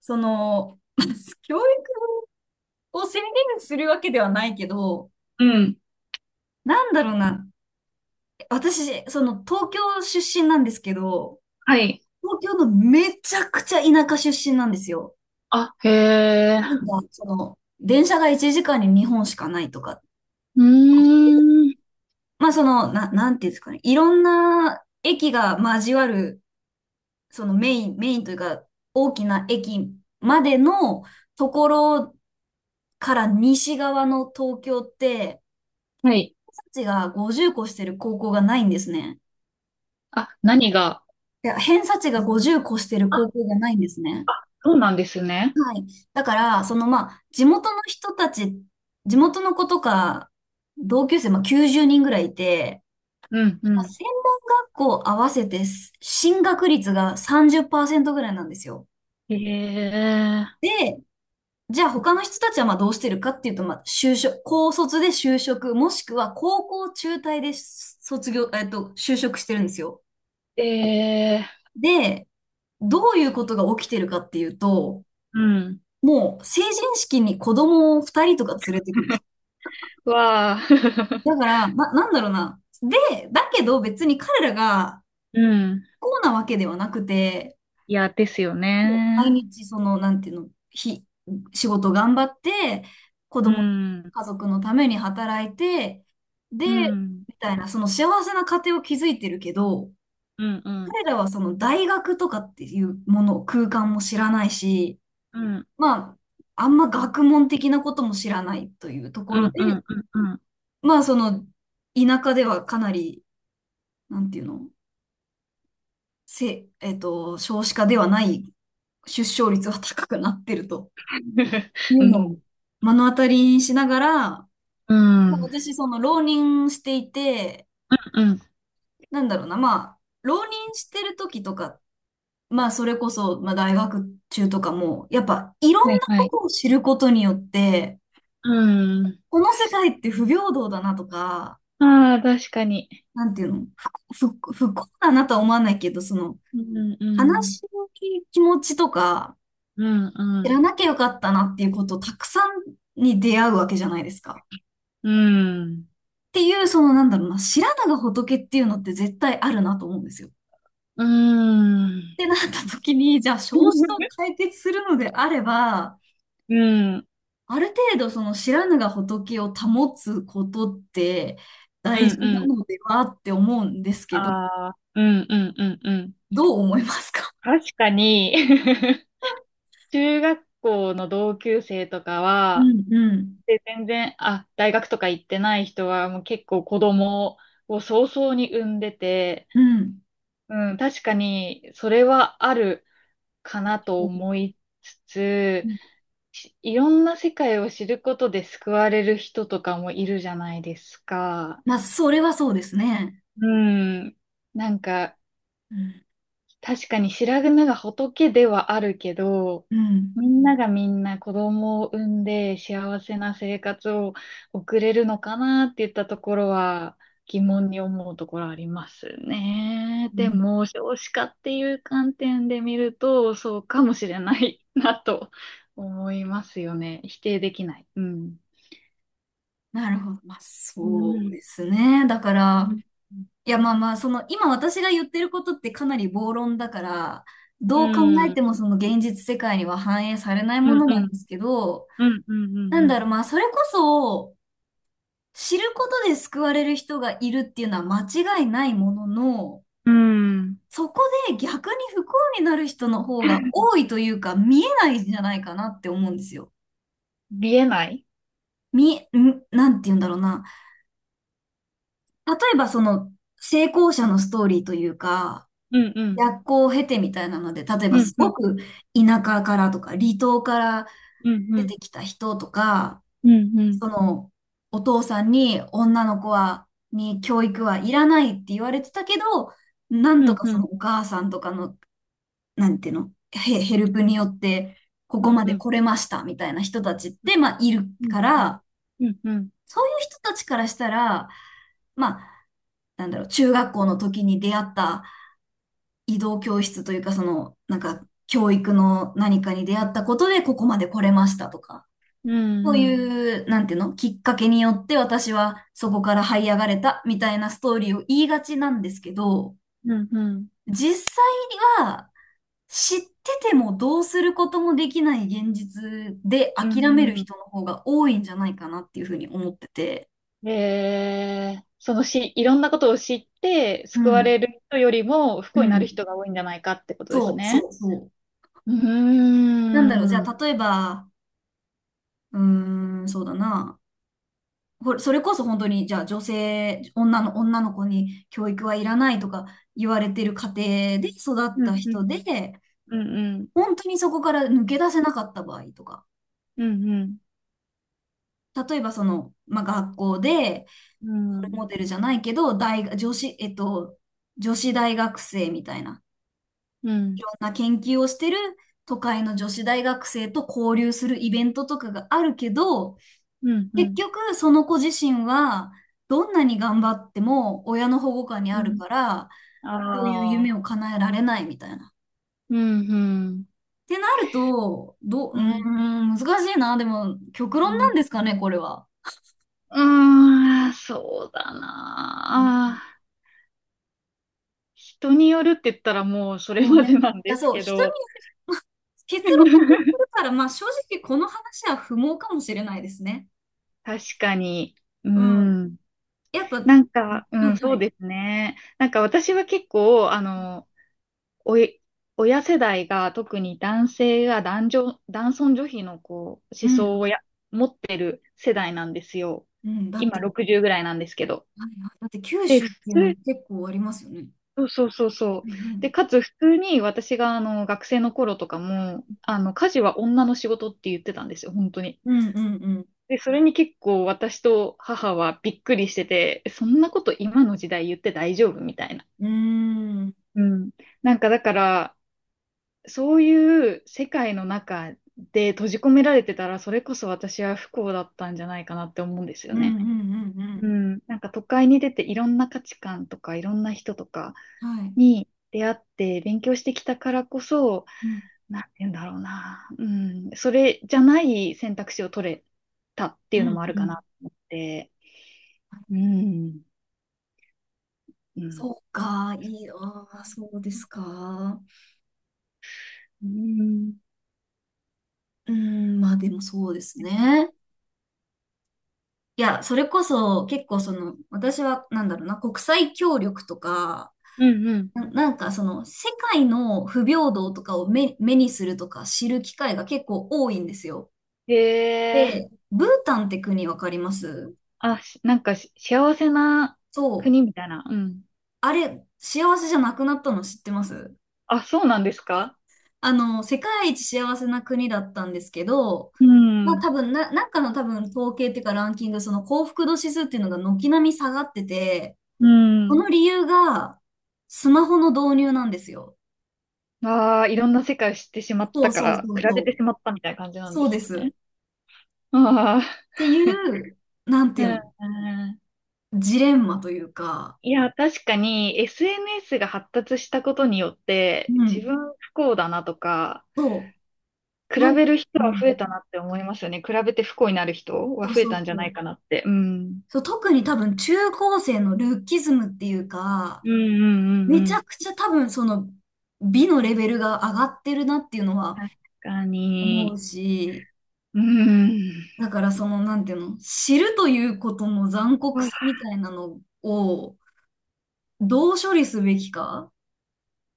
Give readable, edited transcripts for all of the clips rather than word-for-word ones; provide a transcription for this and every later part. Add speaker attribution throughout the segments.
Speaker 1: その、教育を宣言するわけではないけど、
Speaker 2: うん。
Speaker 1: なんだろうな。私、東京出身なんですけど、
Speaker 2: はい。
Speaker 1: 東京のめちゃくちゃ田舎出身なんですよ。
Speaker 2: あ、へえ。
Speaker 1: 電車が1時間に2本しかないとか、
Speaker 2: うーん。
Speaker 1: まあなんていうんですかね。いろんな駅が交わる、メインというか、大きな駅までのところから西側の東京って、
Speaker 2: はい。
Speaker 1: 偏差値が50個してる高校がないんですね。
Speaker 2: あ、何が。
Speaker 1: いや、偏差値が50個してる高
Speaker 2: あ、
Speaker 1: 校がないんですね。
Speaker 2: そうなんですね。
Speaker 1: だから、まあ、地元の人たち、地元の子とか、同級生、まあ、90人ぐらいいて、
Speaker 2: うん、う
Speaker 1: まあ
Speaker 2: ん。
Speaker 1: 専門学校合わせて進学率が30%ぐらいなんですよ。
Speaker 2: へえ。
Speaker 1: で、じゃあ他の人たちはまあどうしてるかっていうと、まあ、就職、高卒で就職、もしくは高校中退で卒業、就職してるんですよ。
Speaker 2: ええ。
Speaker 1: で、どういうことが起きてるかっていうと、
Speaker 2: うん。
Speaker 1: もう成人式に子供を2人とか連れてくるんです
Speaker 2: わあ。
Speaker 1: よ。だか ら、なんだろうな。で、だけど別に彼らが
Speaker 2: うん。
Speaker 1: こうなわけではなくて、
Speaker 2: いや、ですよ
Speaker 1: 毎
Speaker 2: ね。
Speaker 1: 日その、なんていうの、ひ、仕事頑張って、子
Speaker 2: う
Speaker 1: 供、
Speaker 2: ん。
Speaker 1: 家族のために働いて、
Speaker 2: う
Speaker 1: で、
Speaker 2: ん。
Speaker 1: みたいな、幸せな家庭を築いてるけど、
Speaker 2: うん、うん。
Speaker 1: 彼らは大学とかっていうもの、空間も知らないし、
Speaker 2: うん。
Speaker 1: まあ、あんま学問的なことも知らないというとこ
Speaker 2: う
Speaker 1: ろ
Speaker 2: ん、う
Speaker 1: で、
Speaker 2: ん、うん、うん。
Speaker 1: まあ、田舎ではかなり、なんていうの、せ、えっと、少子化ではない出生率は高くなってるとい
Speaker 2: う
Speaker 1: うのを
Speaker 2: ん。
Speaker 1: 目の当たりにしながら、
Speaker 2: う
Speaker 1: まあ、
Speaker 2: ん。
Speaker 1: 私、浪人していて、
Speaker 2: うん。
Speaker 1: なんだろうな、まあ、浪人してる時とか、まあ、それこそ、まあ、大学中とかも、やっぱ、いろ
Speaker 2: は
Speaker 1: ん
Speaker 2: い、
Speaker 1: な
Speaker 2: は
Speaker 1: こ
Speaker 2: い。
Speaker 1: とを知ることによって、
Speaker 2: うん。
Speaker 1: この世界って不平等だなとか、
Speaker 2: ああ、確かに。
Speaker 1: なんていうの、不幸だなとは思わないけど、
Speaker 2: うん、う
Speaker 1: 悲
Speaker 2: ん。
Speaker 1: しい気持ちとか、
Speaker 2: うん、う
Speaker 1: 知ら
Speaker 2: ん。
Speaker 1: なきゃよかったなっていうことをたくさんに出会うわけじゃないですか。
Speaker 2: うん。
Speaker 1: っていう、なんだろうな、知らぬが仏っていうのって絶対あるなと思うんですよ。っ
Speaker 2: うーん。
Speaker 1: てなった時に、じゃあ、少子化を 解決するのであれば、
Speaker 2: うん。
Speaker 1: ある程度、知らぬが仏を保つことって
Speaker 2: う
Speaker 1: 大事
Speaker 2: んう
Speaker 1: な
Speaker 2: ん。
Speaker 1: のではって思うんですけど、
Speaker 2: ああ、うんうんうんうん。
Speaker 1: どう思いますか？
Speaker 2: 確かに。 中学校の同級生とか
Speaker 1: う
Speaker 2: は、
Speaker 1: ん、うん、
Speaker 2: で、全然、あ、大学とか行ってない人は、もう結構子供を早々に産んでて、
Speaker 1: うん。
Speaker 2: うん、確かに、それはあるかなと思いつつ、いろんな世界を知ることで救われる人とかもいるじゃないですか。
Speaker 1: まあ、それはそうですね。
Speaker 2: うん。なんか、
Speaker 1: うん。
Speaker 2: 確かに白髪が仏ではあるけど、
Speaker 1: うん。
Speaker 2: みんながみんな子供を産んで幸せな生活を送れるのかなって言ったところは疑問に思うところありますね。
Speaker 1: う
Speaker 2: で
Speaker 1: ん。
Speaker 2: も少子化っていう観点で見るとそうかもしれないなと思いますよね。否定できない。うん。
Speaker 1: なるほど。まあ、
Speaker 2: う
Speaker 1: そう
Speaker 2: ん。
Speaker 1: ですね。だか
Speaker 2: う
Speaker 1: ら、
Speaker 2: ん
Speaker 1: いや、まあまあ、今私が言ってることってかなり暴論だから、
Speaker 2: う
Speaker 1: どう考え
Speaker 2: ん。
Speaker 1: てもその現実世界には反映されない
Speaker 2: う
Speaker 1: も
Speaker 2: ん
Speaker 1: の
Speaker 2: う
Speaker 1: なんで
Speaker 2: ん。
Speaker 1: すけど、
Speaker 2: うんう
Speaker 1: な
Speaker 2: ん
Speaker 1: ん
Speaker 2: う
Speaker 1: だ
Speaker 2: ん
Speaker 1: ろう、まあ、それこそ、知ることで救われる人がいるっていうのは間違いないものの、
Speaker 2: うん。うん。
Speaker 1: そこで逆に不幸になる人の方が多いというか、見えないんじゃないかなって思うんですよ。
Speaker 2: 見えない。
Speaker 1: み、ん、なんて言うんだろうな。例えば成功者のストーリーというか、
Speaker 2: うんうん。
Speaker 1: 逆行を経てみたいなので、例え
Speaker 2: う
Speaker 1: ば
Speaker 2: ん、
Speaker 1: す
Speaker 2: う
Speaker 1: ご
Speaker 2: ん、
Speaker 1: く田舎からとか離島から
Speaker 2: うん、う
Speaker 1: 出て
Speaker 2: ん、
Speaker 1: きた人とか、
Speaker 2: うん、うん、
Speaker 1: そのお父さんに女の子に教育はいらないって言われてたけど、なん
Speaker 2: う
Speaker 1: と
Speaker 2: ん、
Speaker 1: か
Speaker 2: うん、
Speaker 1: お母さんとかの、なんていうの、ヘ、ヘルプによってここ
Speaker 2: うん、
Speaker 1: ま
Speaker 2: う
Speaker 1: で
Speaker 2: ん、
Speaker 1: 来れましたみたいな人たちって、まあいるから、
Speaker 2: うん、うん、
Speaker 1: そういう人たちからしたら、まあ、なんだろう、中学校の時に出会った移動教室というか、教育の何かに出会ったことでここまで来れましたとか、
Speaker 2: うん、
Speaker 1: そう
Speaker 2: うん、
Speaker 1: いう、なんていうの、きっかけによって私はそこから這い上がれたみたいなストーリーを言いがちなんですけど、
Speaker 2: うん、うん、
Speaker 1: 実際には知っててもどうすることもできない現実で
Speaker 2: う
Speaker 1: 諦める
Speaker 2: ん、
Speaker 1: 人の方が多いんじゃないかなっていうふうに思ってて。
Speaker 2: えー、そのし、いろんなことを知って、
Speaker 1: う
Speaker 2: 救わ
Speaker 1: ん、
Speaker 2: れる人よりも不
Speaker 1: う
Speaker 2: 幸になる
Speaker 1: ん。
Speaker 2: 人が多いんじゃないかってことです
Speaker 1: そう、そ
Speaker 2: ね。
Speaker 1: う、そう。
Speaker 2: うー
Speaker 1: なんだろう、じゃ
Speaker 2: ん、うん、
Speaker 1: あ例えば、うーん、そうだな。それこそ本当に、じゃあ女の子に教育はいらないとか言われてる家庭で育っ
Speaker 2: う
Speaker 1: た
Speaker 2: ん、う
Speaker 1: 人
Speaker 2: ん、
Speaker 1: で、
Speaker 2: うん、
Speaker 1: 本当にそこから抜け出せなかった場合とか、
Speaker 2: うん、うん、
Speaker 1: 例えばまあ、学校で、
Speaker 2: うん、
Speaker 1: モデルじゃないけど、大学、女子、えっと、女子大学生みたいな、
Speaker 2: う
Speaker 1: い
Speaker 2: ん、
Speaker 1: ろんな研究をしてる都会の女子大学生と交流するイベントとかがあるけど、
Speaker 2: う
Speaker 1: 結
Speaker 2: ん、
Speaker 1: 局その子自身は、どんなに頑張っても親の保護下に
Speaker 2: う
Speaker 1: ある
Speaker 2: ん。
Speaker 1: から、こういう
Speaker 2: あ
Speaker 1: 夢
Speaker 2: あ、
Speaker 1: を叶えられないみたいな。っ
Speaker 2: うん、うん、
Speaker 1: てなると、う
Speaker 2: うん、
Speaker 1: ーん、難しいな。でも、極論
Speaker 2: う
Speaker 1: なん
Speaker 2: ん。
Speaker 1: ですかね、これは。
Speaker 2: うーん、そうだなあ。人によるって言ったらもうそれ
Speaker 1: もう
Speaker 2: ま
Speaker 1: ね、い
Speaker 2: でなん
Speaker 1: や、
Speaker 2: です
Speaker 1: そう、
Speaker 2: け
Speaker 1: 人に
Speaker 2: ど。
Speaker 1: 結論聞いてる から、まあ正直この話は不毛かもしれないですね。
Speaker 2: 確かに。う
Speaker 1: うん。
Speaker 2: ん。
Speaker 1: やっぱ、は
Speaker 2: なんか、うん、
Speaker 1: いは
Speaker 2: そう
Speaker 1: い。
Speaker 2: ですね。なんか私は結構、おい、親世代が特に男性が男女、男尊女卑のこう
Speaker 1: う
Speaker 2: 思想
Speaker 1: ん。
Speaker 2: を持ってる世代なんですよ。
Speaker 1: うん。だって、
Speaker 2: 今
Speaker 1: はい
Speaker 2: 60ぐらいなんですけど。
Speaker 1: はい、だって九
Speaker 2: で、
Speaker 1: 州
Speaker 2: 普
Speaker 1: っていうのも
Speaker 2: 通、
Speaker 1: 結構ありますよね。
Speaker 2: そうそうそうそ
Speaker 1: は
Speaker 2: う。
Speaker 1: いは
Speaker 2: で、
Speaker 1: い。
Speaker 2: かつ普通に私があの学生の頃とかも、あの、家事は女の仕事って言ってたんですよ、本当に。
Speaker 1: うんうん
Speaker 2: で、それに結構私と母はびっくりしてて、えそんなこと今の時代言って大丈夫みたいな。
Speaker 1: うん。うーん。
Speaker 2: うん。なんかだから、そういう世界の中で閉じ込められてたら、それこそ私は不幸だったんじゃないかなって思うんですよ
Speaker 1: うん
Speaker 2: ね。
Speaker 1: うんうんう
Speaker 2: うん。なんか都会に出ていろんな価値観とかいろんな人とか
Speaker 1: ん。はい。
Speaker 2: に出会って勉強してきたからこそ、
Speaker 1: うん
Speaker 2: なんて言うんだろうな。うん。それじゃない選択肢を取れたってい
Speaker 1: う
Speaker 2: うの
Speaker 1: ん
Speaker 2: もある
Speaker 1: う
Speaker 2: かな
Speaker 1: ん。
Speaker 2: と思って。うん。うん。
Speaker 1: そうか、ああ、そうですか。
Speaker 2: うん。
Speaker 1: うん、まあでもそうですね。いや、それこそ結構私はなんだろうな、国際協力とか、
Speaker 2: うんうん。
Speaker 1: なんか世界の不平等とかを目にするとか知る機会が結構多いんですよ。
Speaker 2: へえ。
Speaker 1: で、ブータンって国わかります？
Speaker 2: あ、なんか幸せな
Speaker 1: そ
Speaker 2: 国
Speaker 1: う。
Speaker 2: みたいな。うん。
Speaker 1: あれ、幸せじゃなくなったの知ってます？
Speaker 2: あ、そうなんですか。
Speaker 1: 世界一幸せな国だったんですけど、
Speaker 2: う
Speaker 1: まあ
Speaker 2: ん。
Speaker 1: 多分なんかの多分統計っていうかランキング、幸福度指数っていうのが軒並み下がってて、
Speaker 2: う
Speaker 1: その
Speaker 2: ん。
Speaker 1: 理由がスマホの導入なんですよ。
Speaker 2: ああ、いろんな世界を知ってしまっ
Speaker 1: そ
Speaker 2: た
Speaker 1: う
Speaker 2: か
Speaker 1: そう
Speaker 2: ら、
Speaker 1: そ
Speaker 2: 比
Speaker 1: うそ
Speaker 2: べて
Speaker 1: う。
Speaker 2: しまったみたいな感じなん
Speaker 1: そ
Speaker 2: で
Speaker 1: うで
Speaker 2: す
Speaker 1: す。
Speaker 2: ね。ああ、
Speaker 1: っていう、なんて
Speaker 2: う
Speaker 1: いう
Speaker 2: ん。
Speaker 1: の、
Speaker 2: うん。
Speaker 1: ジレンマというか、
Speaker 2: いや、確かに SNS が発達したことによって、
Speaker 1: う
Speaker 2: 自
Speaker 1: ん。
Speaker 2: 分不幸だなとか、
Speaker 1: そう、
Speaker 2: 比
Speaker 1: なん、
Speaker 2: べる人
Speaker 1: う
Speaker 2: は増え
Speaker 1: ん。
Speaker 2: たなって思いますよね。比べて不幸になる人は
Speaker 1: そう
Speaker 2: 増え
Speaker 1: そ
Speaker 2: た
Speaker 1: う
Speaker 2: んじゃ
Speaker 1: そ
Speaker 2: な
Speaker 1: う。
Speaker 2: いかなって。うん。
Speaker 1: そう、特に多分中高生のルッキズムっていうか、
Speaker 2: うんうんう
Speaker 1: め
Speaker 2: んう
Speaker 1: ちゃく
Speaker 2: ん。
Speaker 1: ちゃ多分美のレベルが上がってるなっていうのは
Speaker 2: 確か
Speaker 1: 思う
Speaker 2: に。
Speaker 1: し、
Speaker 2: うん。
Speaker 1: だからそのなんていうの、知るということの残酷さみたいなのをどう処理すべきか。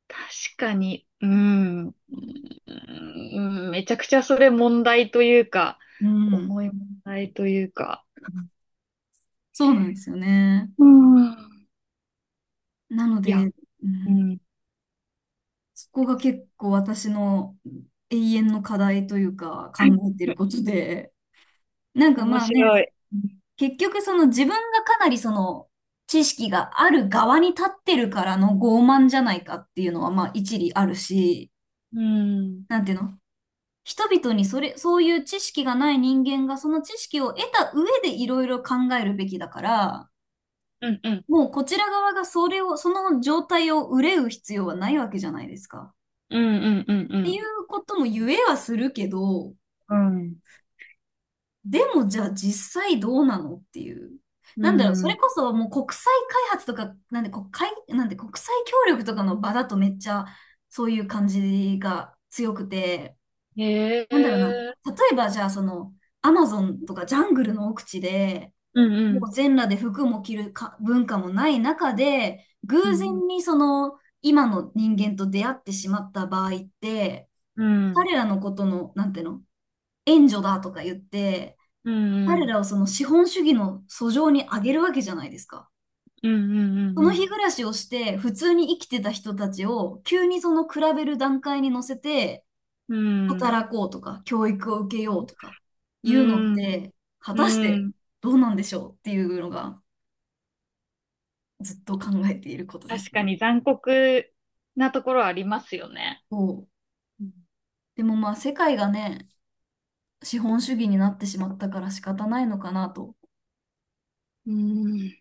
Speaker 2: 確かに。うん。うん。めちゃくちゃそれ問題というか、
Speaker 1: うん、
Speaker 2: 重い問題というか。
Speaker 1: そうなんですよね。
Speaker 2: うん。うん。
Speaker 1: なの
Speaker 2: いや、
Speaker 1: で、う
Speaker 2: う
Speaker 1: ん、
Speaker 2: ん。
Speaker 1: そこが結構私の永遠の課題というか考えてることで、なんか
Speaker 2: 面
Speaker 1: まあ
Speaker 2: 白
Speaker 1: ね、
Speaker 2: い。
Speaker 1: 結局自分がかなり知識がある側に立ってるからの傲慢じゃないかっていうのはまあ一理あるし、
Speaker 2: うん。
Speaker 1: なんていうの人々にそういう知識がない人間がその知識を得た上でいろいろ考えるべきだから、
Speaker 2: うん。うん。
Speaker 1: もうこちら側がその状態を憂う必要はないわけじゃないですか。
Speaker 2: うん。うん。
Speaker 1: っ
Speaker 2: う
Speaker 1: て
Speaker 2: ん。
Speaker 1: いうことも言えはするけど、
Speaker 2: うん。
Speaker 1: でもじゃあ実際どうなのっていう。
Speaker 2: う
Speaker 1: なんだろう、それ
Speaker 2: ん。
Speaker 1: こそもう国際開発とか、なんで国際協力とかの場だとめっちゃそういう感じが強くて、
Speaker 2: へ
Speaker 1: なんだろうな、
Speaker 2: え。
Speaker 1: 例えばじゃあアマゾンとかジャングルの奥地で、
Speaker 2: うんう
Speaker 1: も
Speaker 2: ん。
Speaker 1: う全裸で服も着るか文化もない中で、偶
Speaker 2: うん
Speaker 1: 然に今の人間と出会ってしまった場合って、
Speaker 2: うん。
Speaker 1: 彼らのことの、なんていうの、援助だとか言って、
Speaker 2: うんう
Speaker 1: 彼
Speaker 2: ん。
Speaker 1: らを資本主義の俎上に上げるわけじゃないですか。
Speaker 2: うんうん
Speaker 1: その
Speaker 2: うん
Speaker 1: 日暮らしをして普通に生きてた人たちを急に比べる段階に乗せて
Speaker 2: うんうん。うんうんうんへえうんうんうんうんうんうんうんうん
Speaker 1: 働こうとか教育を受けようとか
Speaker 2: う
Speaker 1: いうのっ
Speaker 2: ん
Speaker 1: て果
Speaker 2: うん、
Speaker 1: たし
Speaker 2: う
Speaker 1: て
Speaker 2: ん。
Speaker 1: どうなんでしょうっていうのがずっと考えていることで
Speaker 2: 確
Speaker 1: す
Speaker 2: か
Speaker 1: ね。
Speaker 2: に残酷なところありますよね。
Speaker 1: そう。
Speaker 2: うん
Speaker 1: でもまあ世界がね、資本主義になってしまったから仕方ないのかなと
Speaker 2: うん。